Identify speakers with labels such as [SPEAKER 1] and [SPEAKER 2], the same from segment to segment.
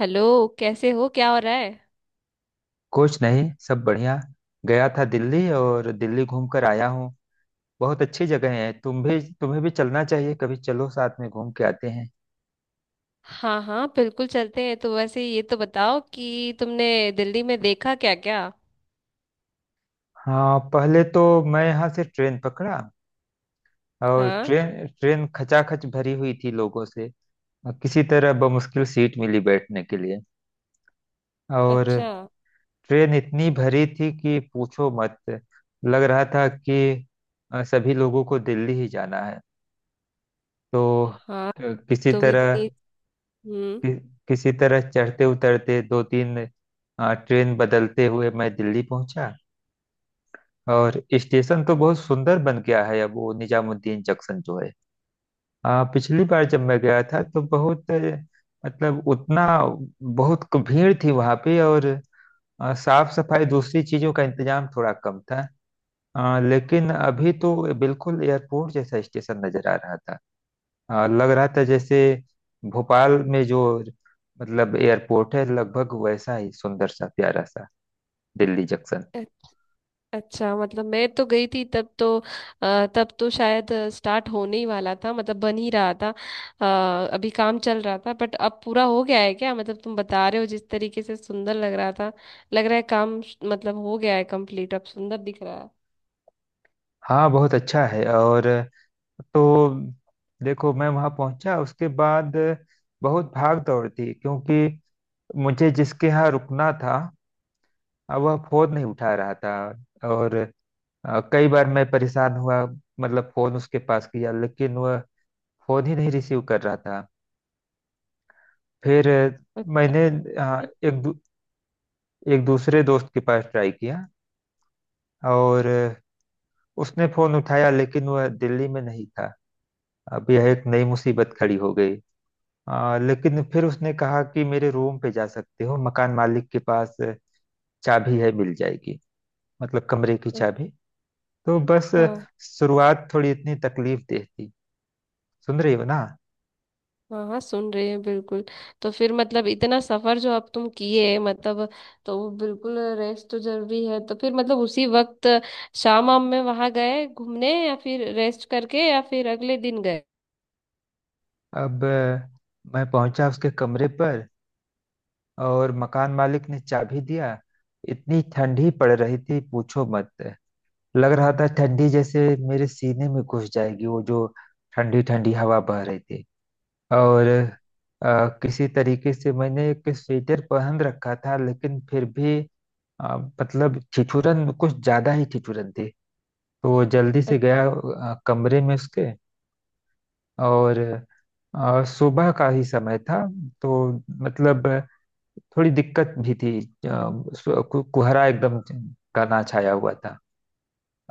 [SPEAKER 1] Hello. कैसे हो? क्या हो रहा है?
[SPEAKER 2] कुछ नहीं, सब बढ़िया। गया था दिल्ली और दिल्ली घूम कर आया हूँ। बहुत अच्छी जगह है, तुम भी तुम्हें भी चलना चाहिए, कभी चलो साथ में घूम के आते हैं।
[SPEAKER 1] हाँ हाँ बिल्कुल चलते हैं। तो वैसे ये तो बताओ कि तुमने दिल्ली में देखा क्या क्या।
[SPEAKER 2] हाँ, पहले तो मैं यहाँ से ट्रेन पकड़ा। और
[SPEAKER 1] हाँ।
[SPEAKER 2] ट्रेन ट्रेन खचाखच भरी हुई थी लोगों से। और किसी तरह बमुश्किल सीट मिली बैठने के लिए। और
[SPEAKER 1] अच्छा।
[SPEAKER 2] ट्रेन इतनी भरी थी कि पूछो मत। लग रहा था कि सभी लोगों को दिल्ली ही जाना है। तो
[SPEAKER 1] हाँ
[SPEAKER 2] अ, किसी
[SPEAKER 1] तो
[SPEAKER 2] तरह,
[SPEAKER 1] इतनी। हम्म।
[SPEAKER 2] कि, किसी तरह चढ़ते उतरते दो तीन ट्रेन बदलते हुए मैं दिल्ली पहुंचा। और स्टेशन तो बहुत सुंदर बन गया है अब, वो निजामुद्दीन जंक्शन जो है। पिछली बार जब मैं गया था तो बहुत मतलब उतना बहुत भीड़ थी वहां पे। और साफ सफाई दूसरी चीजों का इंतजाम थोड़ा कम था। लेकिन अभी तो बिल्कुल एयरपोर्ट जैसा स्टेशन नजर आ रहा था। हाँ, लग रहा था जैसे भोपाल में जो मतलब एयरपोर्ट है, लगभग वैसा ही सुंदर सा प्यारा सा दिल्ली जंक्शन।
[SPEAKER 1] अ- अच्छा, मतलब मैं तो गई थी, तब तो तब तो शायद स्टार्ट होने ही वाला था, मतलब बन ही रहा था। अभी काम चल रहा था, बट अब पूरा हो गया है क्या? मतलब तुम बता रहे हो जिस तरीके से सुंदर लग रहा था, लग रहा है काम मतलब हो गया है कंप्लीट, अब सुंदर दिख रहा
[SPEAKER 2] हाँ, बहुत अच्छा है। और तो देखो, मैं वहाँ पहुँचा उसके बाद बहुत भाग दौड़ थी, क्योंकि मुझे जिसके यहाँ रुकना था अब वह फोन नहीं उठा रहा था। और कई बार मैं परेशान हुआ, मतलब फोन उसके पास किया लेकिन वह फोन ही नहीं रिसीव कर रहा था। फिर
[SPEAKER 1] है।
[SPEAKER 2] मैंने अ, एक दू- एक दूसरे दोस्त के पास ट्राई किया। और उसने फोन उठाया, लेकिन वह दिल्ली में नहीं था। अब यह एक नई मुसीबत खड़ी हो गई। लेकिन फिर उसने कहा कि मेरे रूम पे जा सकते हो, मकान मालिक के पास चाबी है, मिल जाएगी, मतलब कमरे की
[SPEAKER 1] अच्छा।
[SPEAKER 2] चाबी। तो बस, शुरुआत थोड़ी इतनी तकलीफ दे थी। सुन रही हो ना।
[SPEAKER 1] हाँ हाँ सुन रहे हैं बिल्कुल। तो फिर मतलब इतना सफर जो अब तुम किए, मतलब तो वो बिल्कुल रेस्ट तो जरूरी है। तो फिर मतलब उसी वक्त शाम आम में वहां गए घूमने, या फिर रेस्ट करके, या फिर अगले दिन गए?
[SPEAKER 2] अब मैं पहुंचा उसके कमरे पर और मकान मालिक ने चाबी दिया। इतनी ठंडी पड़ रही थी पूछो मत। लग रहा था ठंडी जैसे मेरे सीने में घुस जाएगी, वो जो ठंडी ठंडी हवा बह रही थी। और किसी तरीके से मैंने एक स्वेटर पहन रखा था लेकिन फिर भी मतलब ठिठुरन, कुछ ज्यादा ही ठिठुरन थी। तो वो जल्दी से गया
[SPEAKER 1] अच्छा।
[SPEAKER 2] कमरे में उसके। और सुबह का ही समय था। तो मतलब थोड़ी दिक्कत भी थी। कुहरा एकदम घना छाया हुआ था।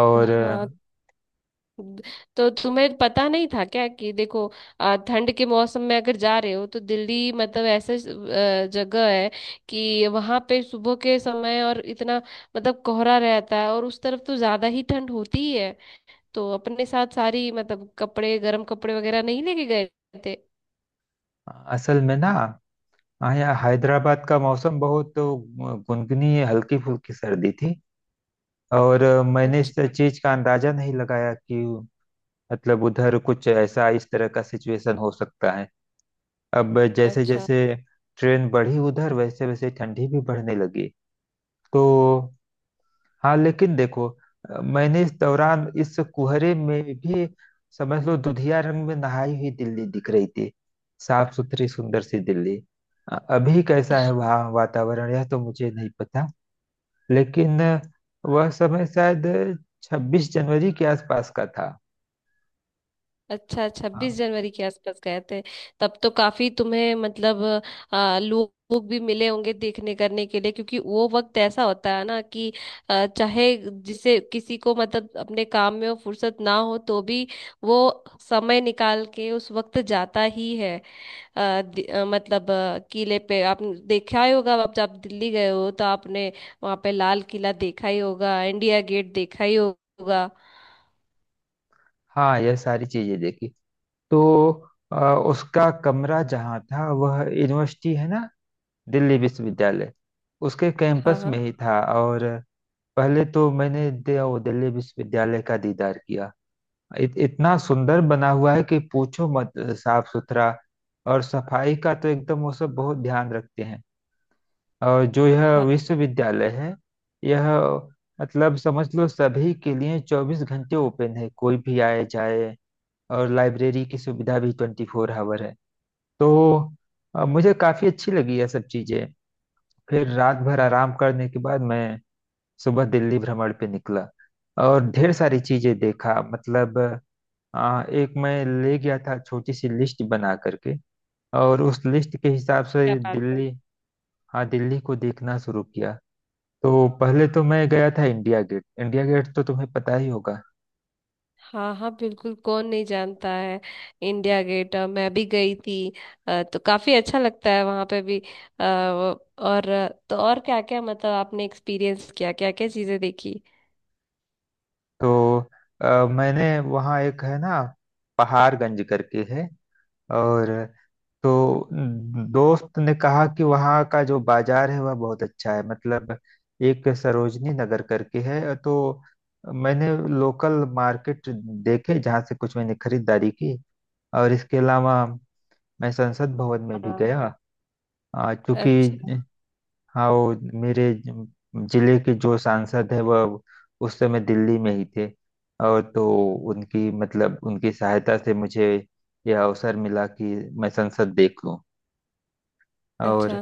[SPEAKER 2] और
[SPEAKER 1] हाँ तो तुम्हें पता नहीं था क्या कि देखो ठंड के मौसम में अगर जा रहे हो तो दिल्ली मतलब ऐसा जगह है कि वहां पे सुबह के समय और इतना मतलब कोहरा रहता है, और उस तरफ तो ज्यादा ही ठंड होती ही है। तो अपने साथ सारी मतलब कपड़े, गर्म कपड़े वगैरह नहीं लेके गए थे?
[SPEAKER 2] असल में ना, हाँ, यहाँ हैदराबाद का मौसम बहुत तो गुनगुनी हल्की फुल्की सर्दी थी। और मैंने इस
[SPEAKER 1] अच्छा।
[SPEAKER 2] चीज का अंदाजा नहीं लगाया कि मतलब उधर कुछ ऐसा इस तरह का सिचुएशन हो सकता है। अब जैसे
[SPEAKER 1] अच्छा।
[SPEAKER 2] जैसे ट्रेन बढ़ी उधर वैसे वैसे ठंडी भी बढ़ने लगी। तो हाँ, लेकिन देखो, मैंने इस दौरान इस कुहरे में भी, समझ लो, दुधिया रंग में नहाई हुई दिल्ली दिख रही थी, साफ सुथरी सुंदर सी दिल्ली। अभी कैसा है वहाँ वातावरण, यह तो मुझे नहीं पता। लेकिन वह समय शायद 26 जनवरी के आसपास का था।
[SPEAKER 1] अच्छा अच्छा, छब्बीस
[SPEAKER 2] हाँ।
[SPEAKER 1] जनवरी के आसपास गए थे। तब तो काफी तुम्हें मतलब लोग भी मिले होंगे देखने करने के लिए, क्योंकि वो वक्त ऐसा होता है ना कि चाहे जिसे किसी को मतलब अपने काम में वो फुर्सत ना हो तो भी वो समय निकाल के उस वक्त जाता ही है। मतलब किले पे आपने देखा ही होगा, आप जब दिल्ली गए हो तो आपने वहां पे लाल किला देखा ही होगा, इंडिया गेट देखा ही होगा।
[SPEAKER 2] हाँ, यह सारी चीजें देखी। तो अ, उसका कमरा जहाँ था वह यूनिवर्सिटी है ना, दिल्ली विश्वविद्यालय, उसके
[SPEAKER 1] हाँ।
[SPEAKER 2] कैंपस
[SPEAKER 1] हाँ
[SPEAKER 2] में ही था। और पहले तो मैंने नवोदय विश्वविद्यालय का दीदार किया। इतना सुंदर बना हुआ है कि पूछो मत, साफ सुथरा। और सफाई का तो एकदम वो सब बहुत ध्यान रखते हैं। और जो यह विश्वविद्यालय है, यह मतलब समझ लो सभी के लिए 24 घंटे ओपन है, कोई भी आए जाए। और लाइब्रेरी की सुविधा भी 24 आवर है। तो मुझे काफी अच्छी लगी यह सब चीजें। फिर रात भर आराम करने के बाद मैं सुबह दिल्ली भ्रमण पे निकला। और ढेर सारी चीजें देखा, मतलब एक मैं ले गया था, छोटी सी लिस्ट बना करके। और उस लिस्ट के हिसाब से दिल्ली, हाँ, दिल्ली को देखना शुरू किया। तो पहले तो मैं गया था इंडिया गेट। इंडिया गेट तो तुम्हें पता ही होगा।
[SPEAKER 1] हाँ हाँ बिल्कुल, कौन नहीं जानता है इंडिया गेट। मैं भी गई थी। तो काफी अच्छा लगता है वहां पे भी। तो और क्या क्या मतलब आपने एक्सपीरियंस किया, क्या क्या चीजें देखी?
[SPEAKER 2] तो मैंने वहाँ एक है ना, पहाड़गंज करके है। और तो दोस्त ने कहा कि वहाँ का जो बाजार है वह बहुत अच्छा है, मतलब एक सरोजनी नगर करके है। तो मैंने लोकल मार्केट देखे जहाँ से कुछ मैंने खरीदारी की। और इसके अलावा मैं संसद भवन में भी
[SPEAKER 1] हाँ।
[SPEAKER 2] गया। क्योंकि
[SPEAKER 1] अच्छा।
[SPEAKER 2] हाँ, वो मेरे ज- जिले के जो सांसद है वह उस समय दिल्ली में ही थे। और तो उनकी, मतलब उनकी सहायता से मुझे यह अवसर मिला कि मैं संसद देख लूं।
[SPEAKER 1] अच्छा,
[SPEAKER 2] और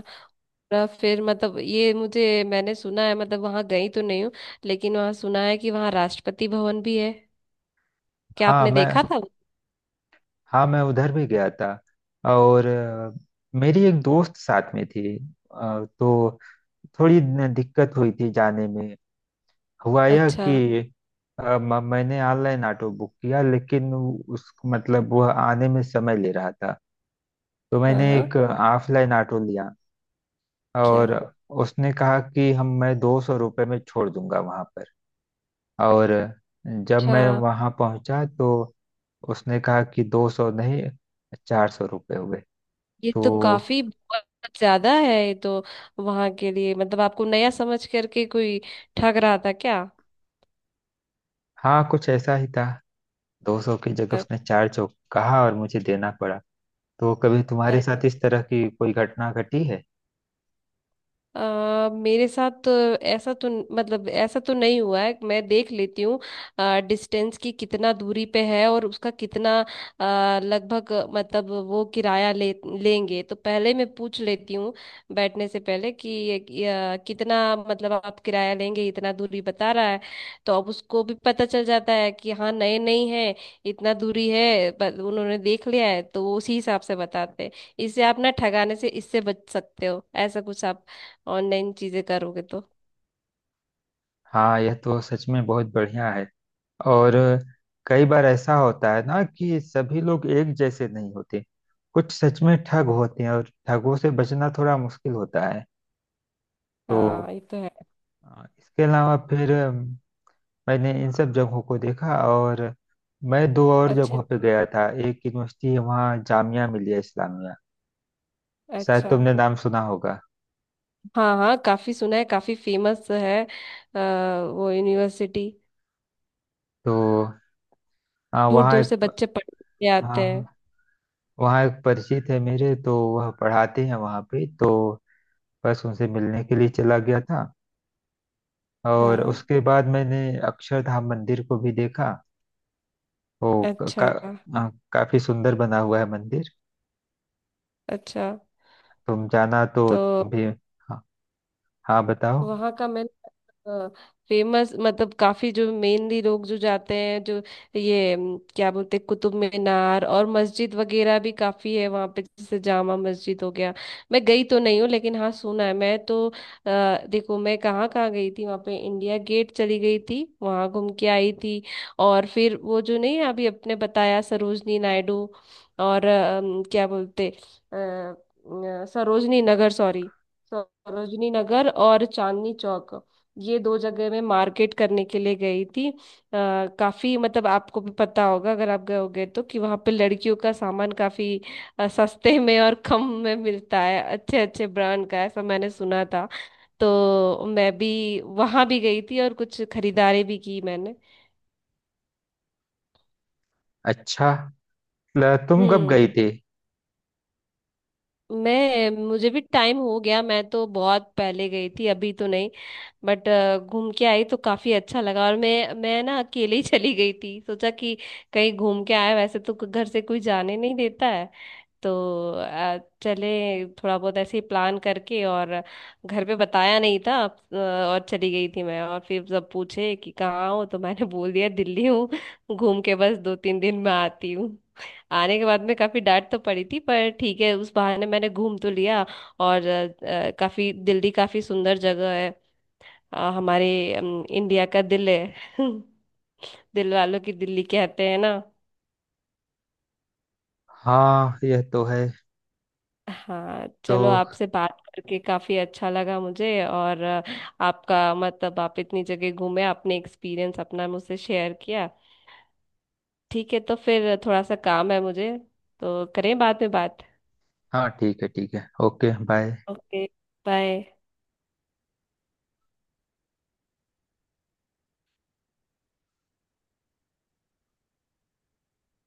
[SPEAKER 1] और फिर मतलब ये मुझे, मैंने सुना है मतलब वहां गई तो नहीं हूँ, लेकिन वहां सुना है कि वहां राष्ट्रपति भवन भी है। क्या
[SPEAKER 2] हाँ
[SPEAKER 1] आपने देखा
[SPEAKER 2] मैं
[SPEAKER 1] था वो?
[SPEAKER 2] हाँ मैं उधर भी गया था। और मेरी एक दोस्त साथ में थी। तो थोड़ी दिक्कत हुई थी जाने में। हुआ यह
[SPEAKER 1] अच्छा।
[SPEAKER 2] कि मैंने ऑनलाइन ऑटो बुक किया, लेकिन उस, मतलब वह आने में समय ले रहा था। तो
[SPEAKER 1] हाँ
[SPEAKER 2] मैंने
[SPEAKER 1] हाँ।
[SPEAKER 2] एक ऑफलाइन ऑटो लिया।
[SPEAKER 1] क्या?
[SPEAKER 2] और उसने कहा कि हम मैं 200 रुपये में छोड़ दूंगा वहां पर। और जब
[SPEAKER 1] अच्छा,
[SPEAKER 2] मैं वहां पहुंचा तो उसने कहा कि 200 नहीं, 400 रुपये हुए।
[SPEAKER 1] ये
[SPEAKER 2] तो
[SPEAKER 1] तो काफी बहुत ज्यादा है ये तो। वहां के लिए मतलब आपको नया समझ करके कोई ठग रहा था क्या?
[SPEAKER 2] हाँ, कुछ ऐसा ही था। दो सौ की जगह
[SPEAKER 1] अ-
[SPEAKER 2] उसने 400 कहा और मुझे देना पड़ा। तो कभी तुम्हारे
[SPEAKER 1] अरे,
[SPEAKER 2] साथ इस तरह की कोई घटना घटी है?
[SPEAKER 1] मेरे साथ तो ऐसा तो मतलब ऐसा तो नहीं हुआ है। मैं देख लेती हूँ डिस्टेंस की कितना दूरी पे है और उसका कितना लगभग मतलब वो किराया ले लेंगे, तो पहले मैं पूछ लेती हूँ बैठने से पहले कि कितना मतलब आप किराया लेंगे? इतना दूरी बता रहा है तो अब उसको भी पता चल जाता है कि हाँ नए नहीं है, इतना दूरी है पर उन्होंने देख लिया है, तो वो उसी हिसाब से बताते हैं। इससे आप ना ठगाने से, इससे बच सकते हो। ऐसा कुछ आप ऑनलाइन चीजें करोगे तो।
[SPEAKER 2] हाँ, यह तो सच में बहुत बढ़िया है। और कई बार ऐसा होता है ना कि सभी लोग एक जैसे नहीं होते, कुछ सच में ठग होते हैं और ठगों से बचना थोड़ा मुश्किल होता है।
[SPEAKER 1] हाँ
[SPEAKER 2] तो
[SPEAKER 1] ये तो है।
[SPEAKER 2] इसके अलावा फिर मैंने इन सब जगहों को देखा। और मैं दो और
[SPEAKER 1] अच्छा।
[SPEAKER 2] जगहों पे गया था, एक यूनिवर्सिटी है वहाँ, जामिया मिलिया इस्लामिया, शायद
[SPEAKER 1] अच्छा।
[SPEAKER 2] तुमने नाम सुना होगा।
[SPEAKER 1] हाँ हाँ, काफी सुना है, काफी फेमस है अ, वो यूनिवर्सिटी।
[SPEAKER 2] तो अ,
[SPEAKER 1] दूर
[SPEAKER 2] वहाँ
[SPEAKER 1] दूर
[SPEAKER 2] एक
[SPEAKER 1] से बच्चे पढ़ने के लिए
[SPEAKER 2] हाँ
[SPEAKER 1] आते
[SPEAKER 2] हाँ,
[SPEAKER 1] हैं।
[SPEAKER 2] वहाँ एक परिचित है मेरे तो, वह पढ़ाते हैं वहाँ पे। तो बस उनसे मिलने के लिए चला गया था। और
[SPEAKER 1] हाँ।
[SPEAKER 2] उसके बाद मैंने अक्षरधाम मंदिर को भी देखा। वो क-
[SPEAKER 1] अच्छा।
[SPEAKER 2] का, आ, काफी सुंदर बना हुआ है मंदिर,
[SPEAKER 1] अच्छा।
[SPEAKER 2] तुम जाना तो
[SPEAKER 1] तो
[SPEAKER 2] तुम भी। हाँ, हाँ, बताओ।
[SPEAKER 1] तो वहाँ का मैंने फेमस मतलब काफी जो मेनली लोग जो जाते हैं जो ये क्या बोलते हैं, कुतुब मीनार और मस्जिद वगैरह भी काफी है वहाँ पे, जैसे जामा मस्जिद हो गया। मैं गई तो नहीं हूँ लेकिन हाँ सुना है मैं तो। देखो मैं कहाँ कहाँ गई थी वहाँ पे, इंडिया गेट चली गई थी, वहाँ घूम के आई थी। और फिर वो जो नहीं अभी आपने बताया सरोजनी नायडू और अम, क्या बोलते अ, अ, सरोजनी नगर सॉरी, सरोजनी नगर और चांदनी चौक, ये दो जगह मैं मार्केट करने के लिए गई थी। काफी मतलब आपको भी पता होगा अगर आप गए होगे तो कि वहाँ पे लड़कियों का सामान काफी सस्ते में और कम में मिलता है, अच्छे अच्छे ब्रांड का, ऐसा मैंने सुना था। तो मैं भी वहाँ भी गई थी और कुछ खरीदारी भी की मैंने।
[SPEAKER 2] अच्छा, तुम कब
[SPEAKER 1] हम्म।
[SPEAKER 2] गई थी?
[SPEAKER 1] मैं मुझे भी टाइम हो गया, मैं तो बहुत पहले गई थी, अभी तो नहीं। बट घूम के आई तो काफी अच्छा लगा। और मैं ना अकेले ही चली गई थी, सोचा कि कहीं घूम के आए, वैसे तो घर से कोई जाने नहीं देता है। तो चले थोड़ा बहुत ऐसे ही प्लान करके, और घर पे बताया नहीं था और चली गई थी मैं। और फिर जब पूछे कि कहाँ हो तो मैंने बोल दिया दिल्ली हूँ, घूम के बस 2 3 दिन में आती हूँ। आने के बाद में काफी डांट तो पड़ी थी, पर ठीक है, उस बहाने मैंने घूम तो लिया। और काफी दिल्ली काफी सुंदर जगह है। अ, हमारे इंडिया का दिल है दिल वालों की दिल्ली कहते हैं ना।
[SPEAKER 2] हाँ, यह तो है।
[SPEAKER 1] हाँ
[SPEAKER 2] तो
[SPEAKER 1] चलो, आपसे बात करके काफी अच्छा लगा मुझे। और आपका मतलब आप इतनी जगह घूमे, आपने एक्सपीरियंस अपना मुझसे शेयर किया। ठीक है तो फिर थोड़ा सा काम है मुझे, तो करें बाद में बात।
[SPEAKER 2] हाँ, ठीक है, ठीक है, ओके बाय।
[SPEAKER 1] Okay bye.